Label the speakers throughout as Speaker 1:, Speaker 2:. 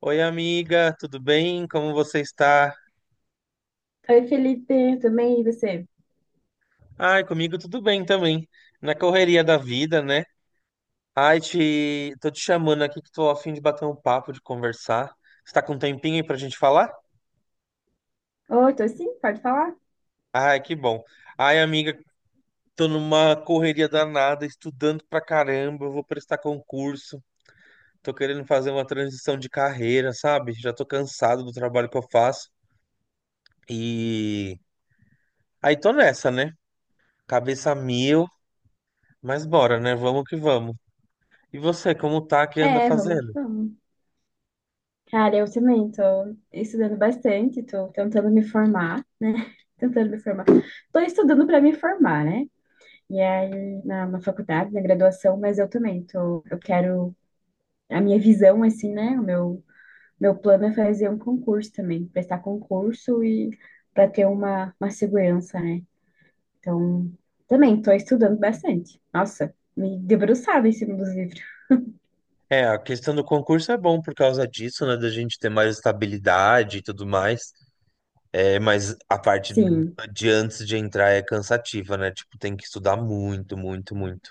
Speaker 1: Oi, amiga, tudo bem? Como você está?
Speaker 2: Oi, Felipe, tudo bem? E você?
Speaker 1: Ai, comigo tudo bem também. Na correria da vida, né? Tô te chamando aqui que tô a fim de bater um papo, de conversar. Você tá com um tempinho aí pra gente falar?
Speaker 2: Oi, tô sim, pode falar?
Speaker 1: Ai, que bom. Ai, amiga, tô numa correria danada, estudando pra caramba, eu vou prestar concurso. Tô querendo fazer uma transição de carreira, sabe? Já tô cansado do trabalho que eu faço. E aí tô nessa, né? Cabeça a mil, mas bora, né? Vamos que vamos. E você, como tá, que anda
Speaker 2: É, vamos que
Speaker 1: fazendo?
Speaker 2: vamos. Cara, eu também tô estudando bastante, tô tentando me formar, né? Tentando me formar. Tô estudando para me formar, né? E aí, na faculdade, na graduação, mas eu também tô, eu quero, a minha visão, assim, né? O meu plano é fazer um concurso também, prestar concurso e para ter uma segurança, né? Então, também estou estudando bastante. Nossa, me debruçada em cima dos livros.
Speaker 1: É, a questão do concurso é bom por causa disso, né? Da gente ter mais estabilidade e tudo mais. É, mas a parte
Speaker 2: Sim,
Speaker 1: de antes de entrar é cansativa, né? Tipo, tem que estudar muito, muito, muito.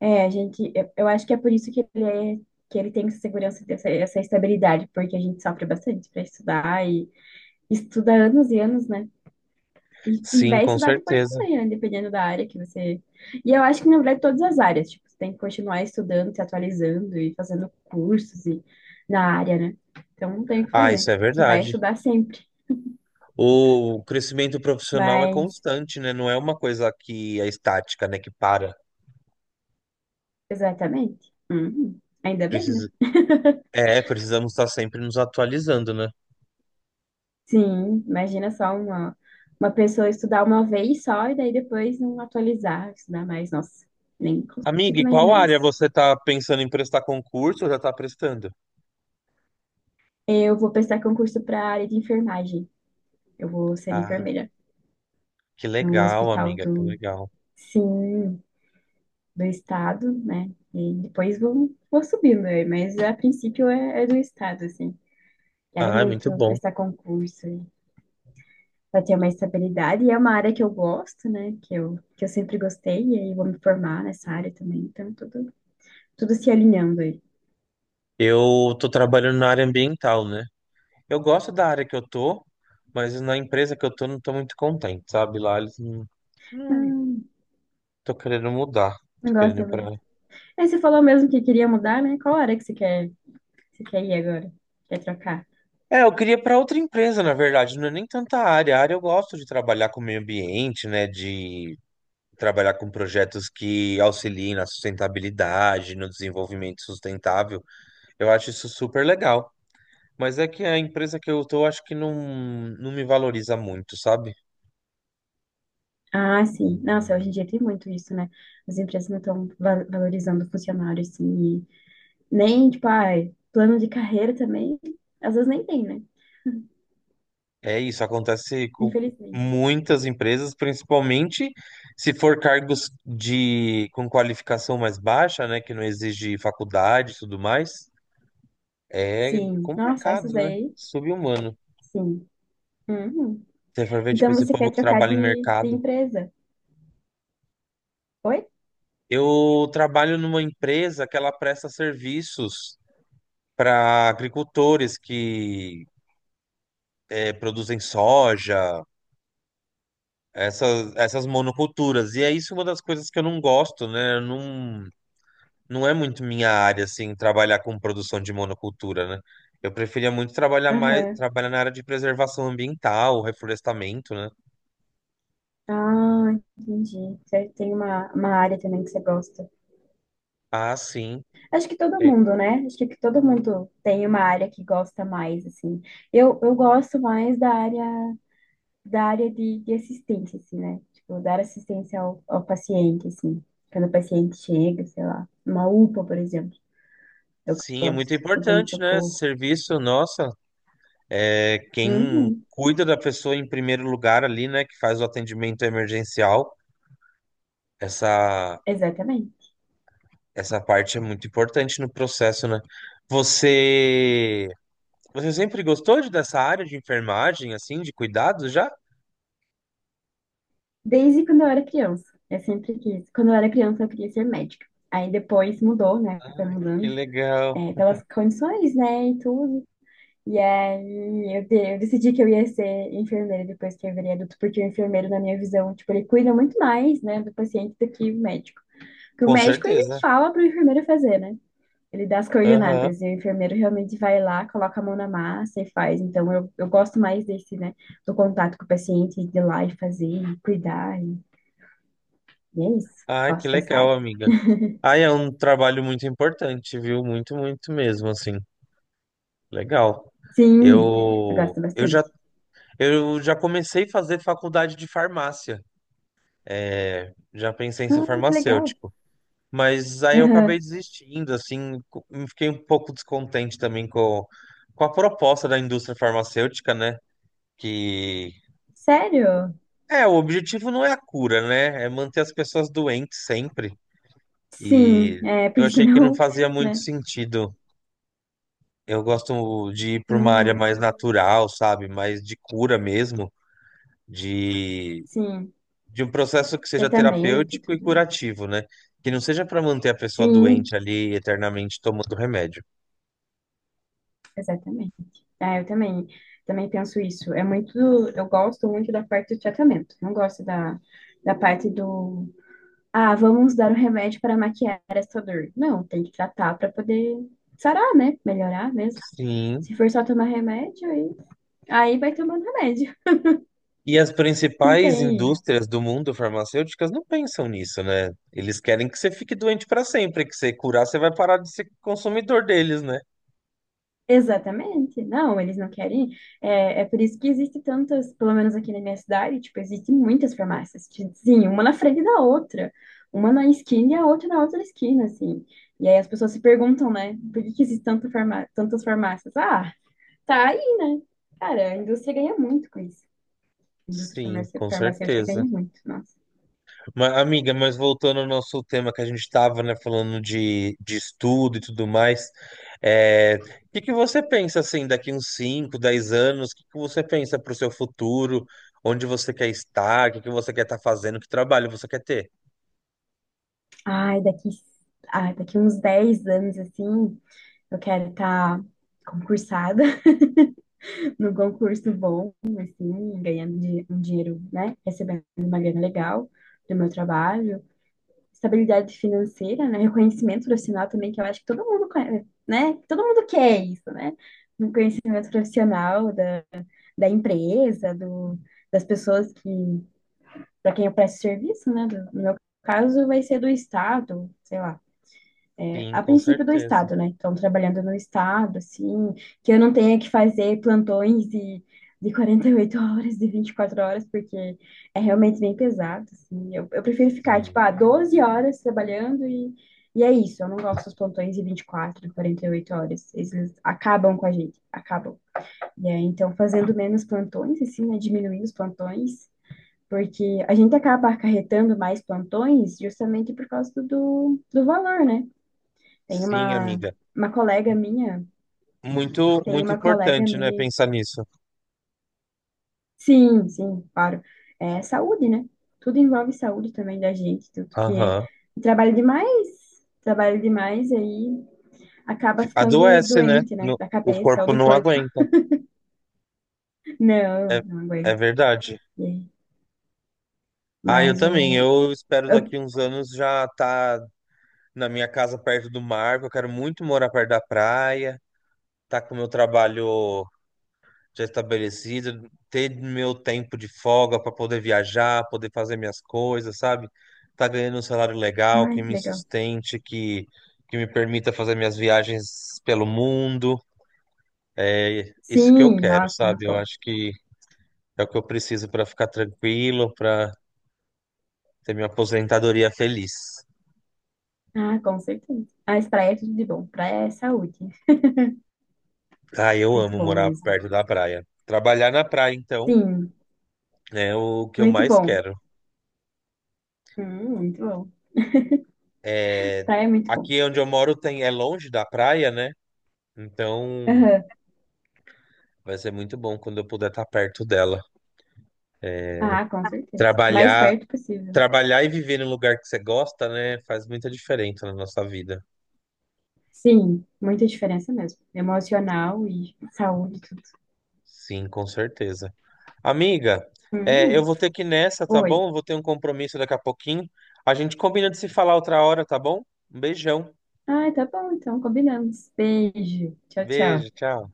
Speaker 2: é, a gente, eu acho que é por isso que ele é, que ele tem essa segurança, essa estabilidade, porque a gente sofre bastante para estudar e estuda anos e anos, né? E
Speaker 1: Sim,
Speaker 2: vai
Speaker 1: com
Speaker 2: estudar depois
Speaker 1: certeza.
Speaker 2: também, né? Dependendo da área que você. E eu acho que, na verdade, todas as áreas, tipo, você tem que continuar estudando, se atualizando e fazendo cursos e, na área, né? Então, não tem o que
Speaker 1: Ah,
Speaker 2: fazer.
Speaker 1: isso é
Speaker 2: Você vai
Speaker 1: verdade.
Speaker 2: estudar sempre.
Speaker 1: O crescimento profissional é
Speaker 2: Mas
Speaker 1: constante, né? Não é uma coisa que é estática, né? Que para.
Speaker 2: exatamente. Uhum. Ainda bem, né?
Speaker 1: Precisa... É, precisamos estar sempre nos atualizando, né?
Speaker 2: Sim, imagina só uma pessoa estudar uma vez só e daí depois não atualizar, estudar mais. Nossa, nem
Speaker 1: Amiga,
Speaker 2: consigo
Speaker 1: e qual
Speaker 2: imaginar
Speaker 1: área
Speaker 2: isso.
Speaker 1: você tá pensando em prestar concurso ou já tá prestando?
Speaker 2: Eu vou prestar concurso para a área de enfermagem. Eu vou ser
Speaker 1: Ah.
Speaker 2: enfermeira
Speaker 1: Que
Speaker 2: num
Speaker 1: legal,
Speaker 2: hospital
Speaker 1: amiga, que
Speaker 2: do,
Speaker 1: legal.
Speaker 2: sim, do estado, né? E depois vou, vou subindo, né? Mas a princípio é, é do estado, assim. Quero
Speaker 1: Ah, é muito
Speaker 2: muito
Speaker 1: bom.
Speaker 2: prestar concurso. Vai ter uma estabilidade e é uma área que eu gosto, né? Que eu sempre gostei e aí vou me formar nessa área também. Então, tudo, tudo se alinhando aí.
Speaker 1: Eu tô trabalhando na área ambiental, né? Eu gosto da área que eu tô, mas na empresa que eu tô não tô muito contente, sabe? Lá eles não, não
Speaker 2: Não,
Speaker 1: Tô querendo mudar,
Speaker 2: não
Speaker 1: tô querendo ir
Speaker 2: gosto muito.
Speaker 1: pra...
Speaker 2: Aí você falou mesmo que queria mudar, né? Qual área que você quer ir agora? Quer trocar?
Speaker 1: É, eu queria para outra empresa, na verdade, não é nem tanta área. A área eu gosto de trabalhar com o meio ambiente, né? De trabalhar com projetos que auxiliem na sustentabilidade, no desenvolvimento sustentável. Eu acho isso super legal. Mas é que a empresa que eu tô, acho que não me valoriza muito, sabe?
Speaker 2: Ah, sim. Nossa, hoje em
Speaker 1: E
Speaker 2: dia tem muito isso, né? As empresas não estão valorizando o funcionário, assim, e nem, tipo, ai, plano de carreira também, às vezes nem tem, né?
Speaker 1: é isso, acontece com
Speaker 2: Infelizmente.
Speaker 1: muitas empresas, principalmente se for cargos de com qualificação mais baixa, né, que não exige faculdade e tudo mais. É
Speaker 2: Sim. Nossa,
Speaker 1: complicado,
Speaker 2: essas
Speaker 1: né?
Speaker 2: aí,
Speaker 1: Sub-humano.
Speaker 2: sim. Uhum.
Speaker 1: Se for ver, tipo,
Speaker 2: Então
Speaker 1: esse
Speaker 2: você quer
Speaker 1: povo que
Speaker 2: trocar
Speaker 1: trabalha em
Speaker 2: de
Speaker 1: mercado.
Speaker 2: empresa? Foi?
Speaker 1: Eu trabalho numa empresa que ela presta serviços para agricultores que produzem soja, essas monoculturas. E é isso uma das coisas que eu não gosto, né? Eu Não, não é muito minha área, assim, trabalhar com produção de monocultura, né? Eu preferia muito trabalhar mais,
Speaker 2: Aham.
Speaker 1: trabalhar na área de preservação ambiental, reflorestamento, né?
Speaker 2: Ah, entendi. Você tem uma área também que você gosta.
Speaker 1: Ah, sim.
Speaker 2: Acho que todo
Speaker 1: É,
Speaker 2: mundo, né? Acho que todo mundo tem uma área que gosta mais, assim. Eu gosto mais da área de assistência, assim, né? Tipo, dar assistência ao paciente, assim. Quando o paciente chega, sei lá, uma UPA, por exemplo. Eu
Speaker 1: sim, é muito
Speaker 2: gosto. Do
Speaker 1: importante, né? Esse
Speaker 2: pronto-socorro.
Speaker 1: serviço, nossa, é quem
Speaker 2: Uhum,
Speaker 1: cuida da pessoa em primeiro lugar ali, né? Que faz o atendimento emergencial. Essa,
Speaker 2: exatamente.
Speaker 1: essa parte é muito importante no processo, né? Você Você sempre gostou de, dessa área de enfermagem, assim, de cuidados já?
Speaker 2: Desde quando eu era criança, eu sempre quis. Quando eu era criança, eu queria ser médica. Aí depois mudou, né? Foi
Speaker 1: Que
Speaker 2: mudando,
Speaker 1: legal.
Speaker 2: é, pelas condições, né? E tudo. E aí eu decidi que eu ia ser enfermeira depois que eu virei adulto, porque o enfermeiro, na minha visão, tipo, ele cuida muito mais, né, do paciente do que o médico. Porque o
Speaker 1: Com
Speaker 2: médico, ele
Speaker 1: certeza.
Speaker 2: fala pro enfermeiro fazer, né? Ele dá as
Speaker 1: Aham.
Speaker 2: coordenadas. E o enfermeiro realmente vai lá, coloca a mão na massa e faz. Então eu gosto mais desse, né? Do contato com o paciente, de ir lá e fazer, e cuidar. E é isso. Eu
Speaker 1: Ah, que
Speaker 2: gosto dessa
Speaker 1: legal,
Speaker 2: área.
Speaker 1: amiga. Ah, é um trabalho muito importante, viu? Muito, muito mesmo, assim. Legal.
Speaker 2: Sim, eu
Speaker 1: Eu,
Speaker 2: gosto
Speaker 1: eu já,
Speaker 2: bastante.
Speaker 1: eu já comecei a fazer faculdade de farmácia. É, já pensei em ser
Speaker 2: Ah, que legal.
Speaker 1: farmacêutico. Mas aí eu acabei
Speaker 2: Aham.
Speaker 1: desistindo, assim, fiquei um pouco descontente também com a proposta da indústria farmacêutica, né? que
Speaker 2: Sério?
Speaker 1: É, o objetivo não é a cura, né? É manter as pessoas doentes sempre.
Speaker 2: Sim,
Speaker 1: E
Speaker 2: é,
Speaker 1: eu
Speaker 2: porque
Speaker 1: achei que não
Speaker 2: senão,
Speaker 1: fazia muito
Speaker 2: né?
Speaker 1: sentido. Eu gosto de ir para uma área
Speaker 2: Uhum.
Speaker 1: mais natural, sabe? Mais de cura mesmo, de,
Speaker 2: Sim,
Speaker 1: de um processo que seja
Speaker 2: tratamento e
Speaker 1: terapêutico e
Speaker 2: tudo.
Speaker 1: curativo, né? Que não seja para manter a pessoa
Speaker 2: Sim,
Speaker 1: doente ali eternamente tomando remédio.
Speaker 2: exatamente. Ah, eu também, também penso isso. É muito, eu gosto muito da parte do tratamento. Não gosto da, da parte do, ah, vamos dar um remédio para maquiar essa dor. Não, tem que tratar para poder sarar, né? Melhorar mesmo.
Speaker 1: Sim.
Speaker 2: Se for só tomar remédio, aí aí vai tomando remédio.
Speaker 1: E as
Speaker 2: Não
Speaker 1: principais
Speaker 2: tem.
Speaker 1: indústrias do mundo farmacêuticas não pensam nisso, né? Eles querem que você fique doente para sempre, que você curar, você vai parar de ser consumidor deles, né?
Speaker 2: Exatamente. Não, eles não querem. É, é por isso que existe tantas, pelo menos aqui na minha cidade, tipo, existem muitas farmácias. Tipo, sim, uma na frente da outra. Uma na esquina e a outra na outra esquina, assim. E aí as pessoas se perguntam, né? Por que que existe tanta farmá tantas farmácias? Ah, tá aí, né? Cara, a indústria ganha muito com isso. A indústria
Speaker 1: Sim,
Speaker 2: farmácia-
Speaker 1: com
Speaker 2: farmacêutica
Speaker 1: certeza.
Speaker 2: ganha muito, nossa.
Speaker 1: Mas, amiga, mas voltando ao nosso tema que a gente estava, né, falando de estudo e tudo mais, é, o que que você pensa, assim, daqui uns 5, 10 anos, o que que você pensa para o seu futuro, onde você quer estar, o que que você quer estar fazendo, que trabalho você quer ter?
Speaker 2: Ai, daqui, ai, daqui uns 10 anos, assim, eu quero estar concursada. No concurso bom, assim, ganhando di- um dinheiro, né? Recebendo uma grana legal do meu trabalho, estabilidade financeira, né? Reconhecimento profissional também, que eu acho que todo mundo, conhe- né? Todo mundo quer isso, né? Um conhecimento profissional da, da empresa, do, das pessoas que, para quem eu presto serviço, né? Do- no meu caso, vai ser do Estado, sei lá é,
Speaker 1: Sim,
Speaker 2: a
Speaker 1: com
Speaker 2: princípio do
Speaker 1: certeza.
Speaker 2: estado, né? Então, trabalhando no estado, assim, que eu não tenha que fazer plantões de 48 horas, de 24 horas, porque é realmente bem pesado, assim. Eu prefiro ficar, tipo,
Speaker 1: Sim.
Speaker 2: ah, 12 horas trabalhando e é isso. Eu não gosto dos plantões de 24, 48 horas. Eles acabam com a gente, acabam. E aí, então, fazendo menos plantões, assim, né? Diminuindo os plantões. Porque a gente acaba acarretando mais plantões justamente por causa do valor, né? Tem
Speaker 1: Sim, amiga.
Speaker 2: uma colega minha,
Speaker 1: Muito,
Speaker 2: tem
Speaker 1: muito
Speaker 2: uma colega
Speaker 1: importante, né?
Speaker 2: minha.
Speaker 1: Pensar nisso.
Speaker 2: Sim, sim, claro. É saúde, né? Tudo envolve saúde também da gente, tudo porque
Speaker 1: Aham.
Speaker 2: trabalha demais, trabalha demais e aí acaba ficando
Speaker 1: Adoece, né?
Speaker 2: doente, né? Da
Speaker 1: O
Speaker 2: cabeça ou
Speaker 1: corpo
Speaker 2: do
Speaker 1: não
Speaker 2: corpo.
Speaker 1: aguenta.
Speaker 2: Não,
Speaker 1: É,
Speaker 2: não
Speaker 1: é
Speaker 2: aguento.
Speaker 1: verdade.
Speaker 2: E aí?
Speaker 1: Ah, eu
Speaker 2: Mas
Speaker 1: também.
Speaker 2: o.
Speaker 1: Eu espero
Speaker 2: Eu-
Speaker 1: daqui uns anos já tá na minha casa perto do mar. Porque eu quero muito morar perto da praia, tá com o meu trabalho já estabelecido, ter meu tempo de folga para poder viajar, poder fazer minhas coisas, sabe? Tá ganhando um salário legal,
Speaker 2: ai,
Speaker 1: que
Speaker 2: que
Speaker 1: me
Speaker 2: legal.
Speaker 1: sustente, que me permita fazer minhas viagens pelo mundo. É isso que eu
Speaker 2: Sim,
Speaker 1: quero,
Speaker 2: nossa, é muito
Speaker 1: sabe? Eu
Speaker 2: bom.
Speaker 1: acho que é o que eu preciso para ficar tranquilo, para ter minha aposentadoria feliz.
Speaker 2: Ah, com certeza. Mas praia é tudo de bom. Praia é saúde.
Speaker 1: Ah, eu
Speaker 2: Muito
Speaker 1: amo
Speaker 2: bom
Speaker 1: morar
Speaker 2: mesmo.
Speaker 1: perto da praia. Trabalhar na praia, então,
Speaker 2: Sim,
Speaker 1: é o que eu
Speaker 2: muito
Speaker 1: mais
Speaker 2: bom.
Speaker 1: quero.
Speaker 2: Muito bom.
Speaker 1: É...
Speaker 2: Praia é muito bom.
Speaker 1: Aqui onde eu moro tem... é longe da praia, né? Então
Speaker 2: Aham.
Speaker 1: vai ser muito bom quando eu puder estar perto dela.
Speaker 2: Ah, com certeza. Mais
Speaker 1: Trabalhar,
Speaker 2: perto possível.
Speaker 1: trabalhar e viver num lugar que você gosta, né? Faz muita diferença na nossa vida.
Speaker 2: Sim, muita diferença mesmo. Emocional e saúde, tudo.
Speaker 1: Sim, com certeza. Amiga, é, eu
Speaker 2: Hum,
Speaker 1: vou ter que ir nessa, tá
Speaker 2: oi.
Speaker 1: bom? Eu vou ter um compromisso daqui a pouquinho. A gente combina de se falar outra hora, tá bom? Um beijão.
Speaker 2: Ah, tá bom, então combinamos. Beijo. Tchau,
Speaker 1: Beijo,
Speaker 2: tchau.
Speaker 1: tchau.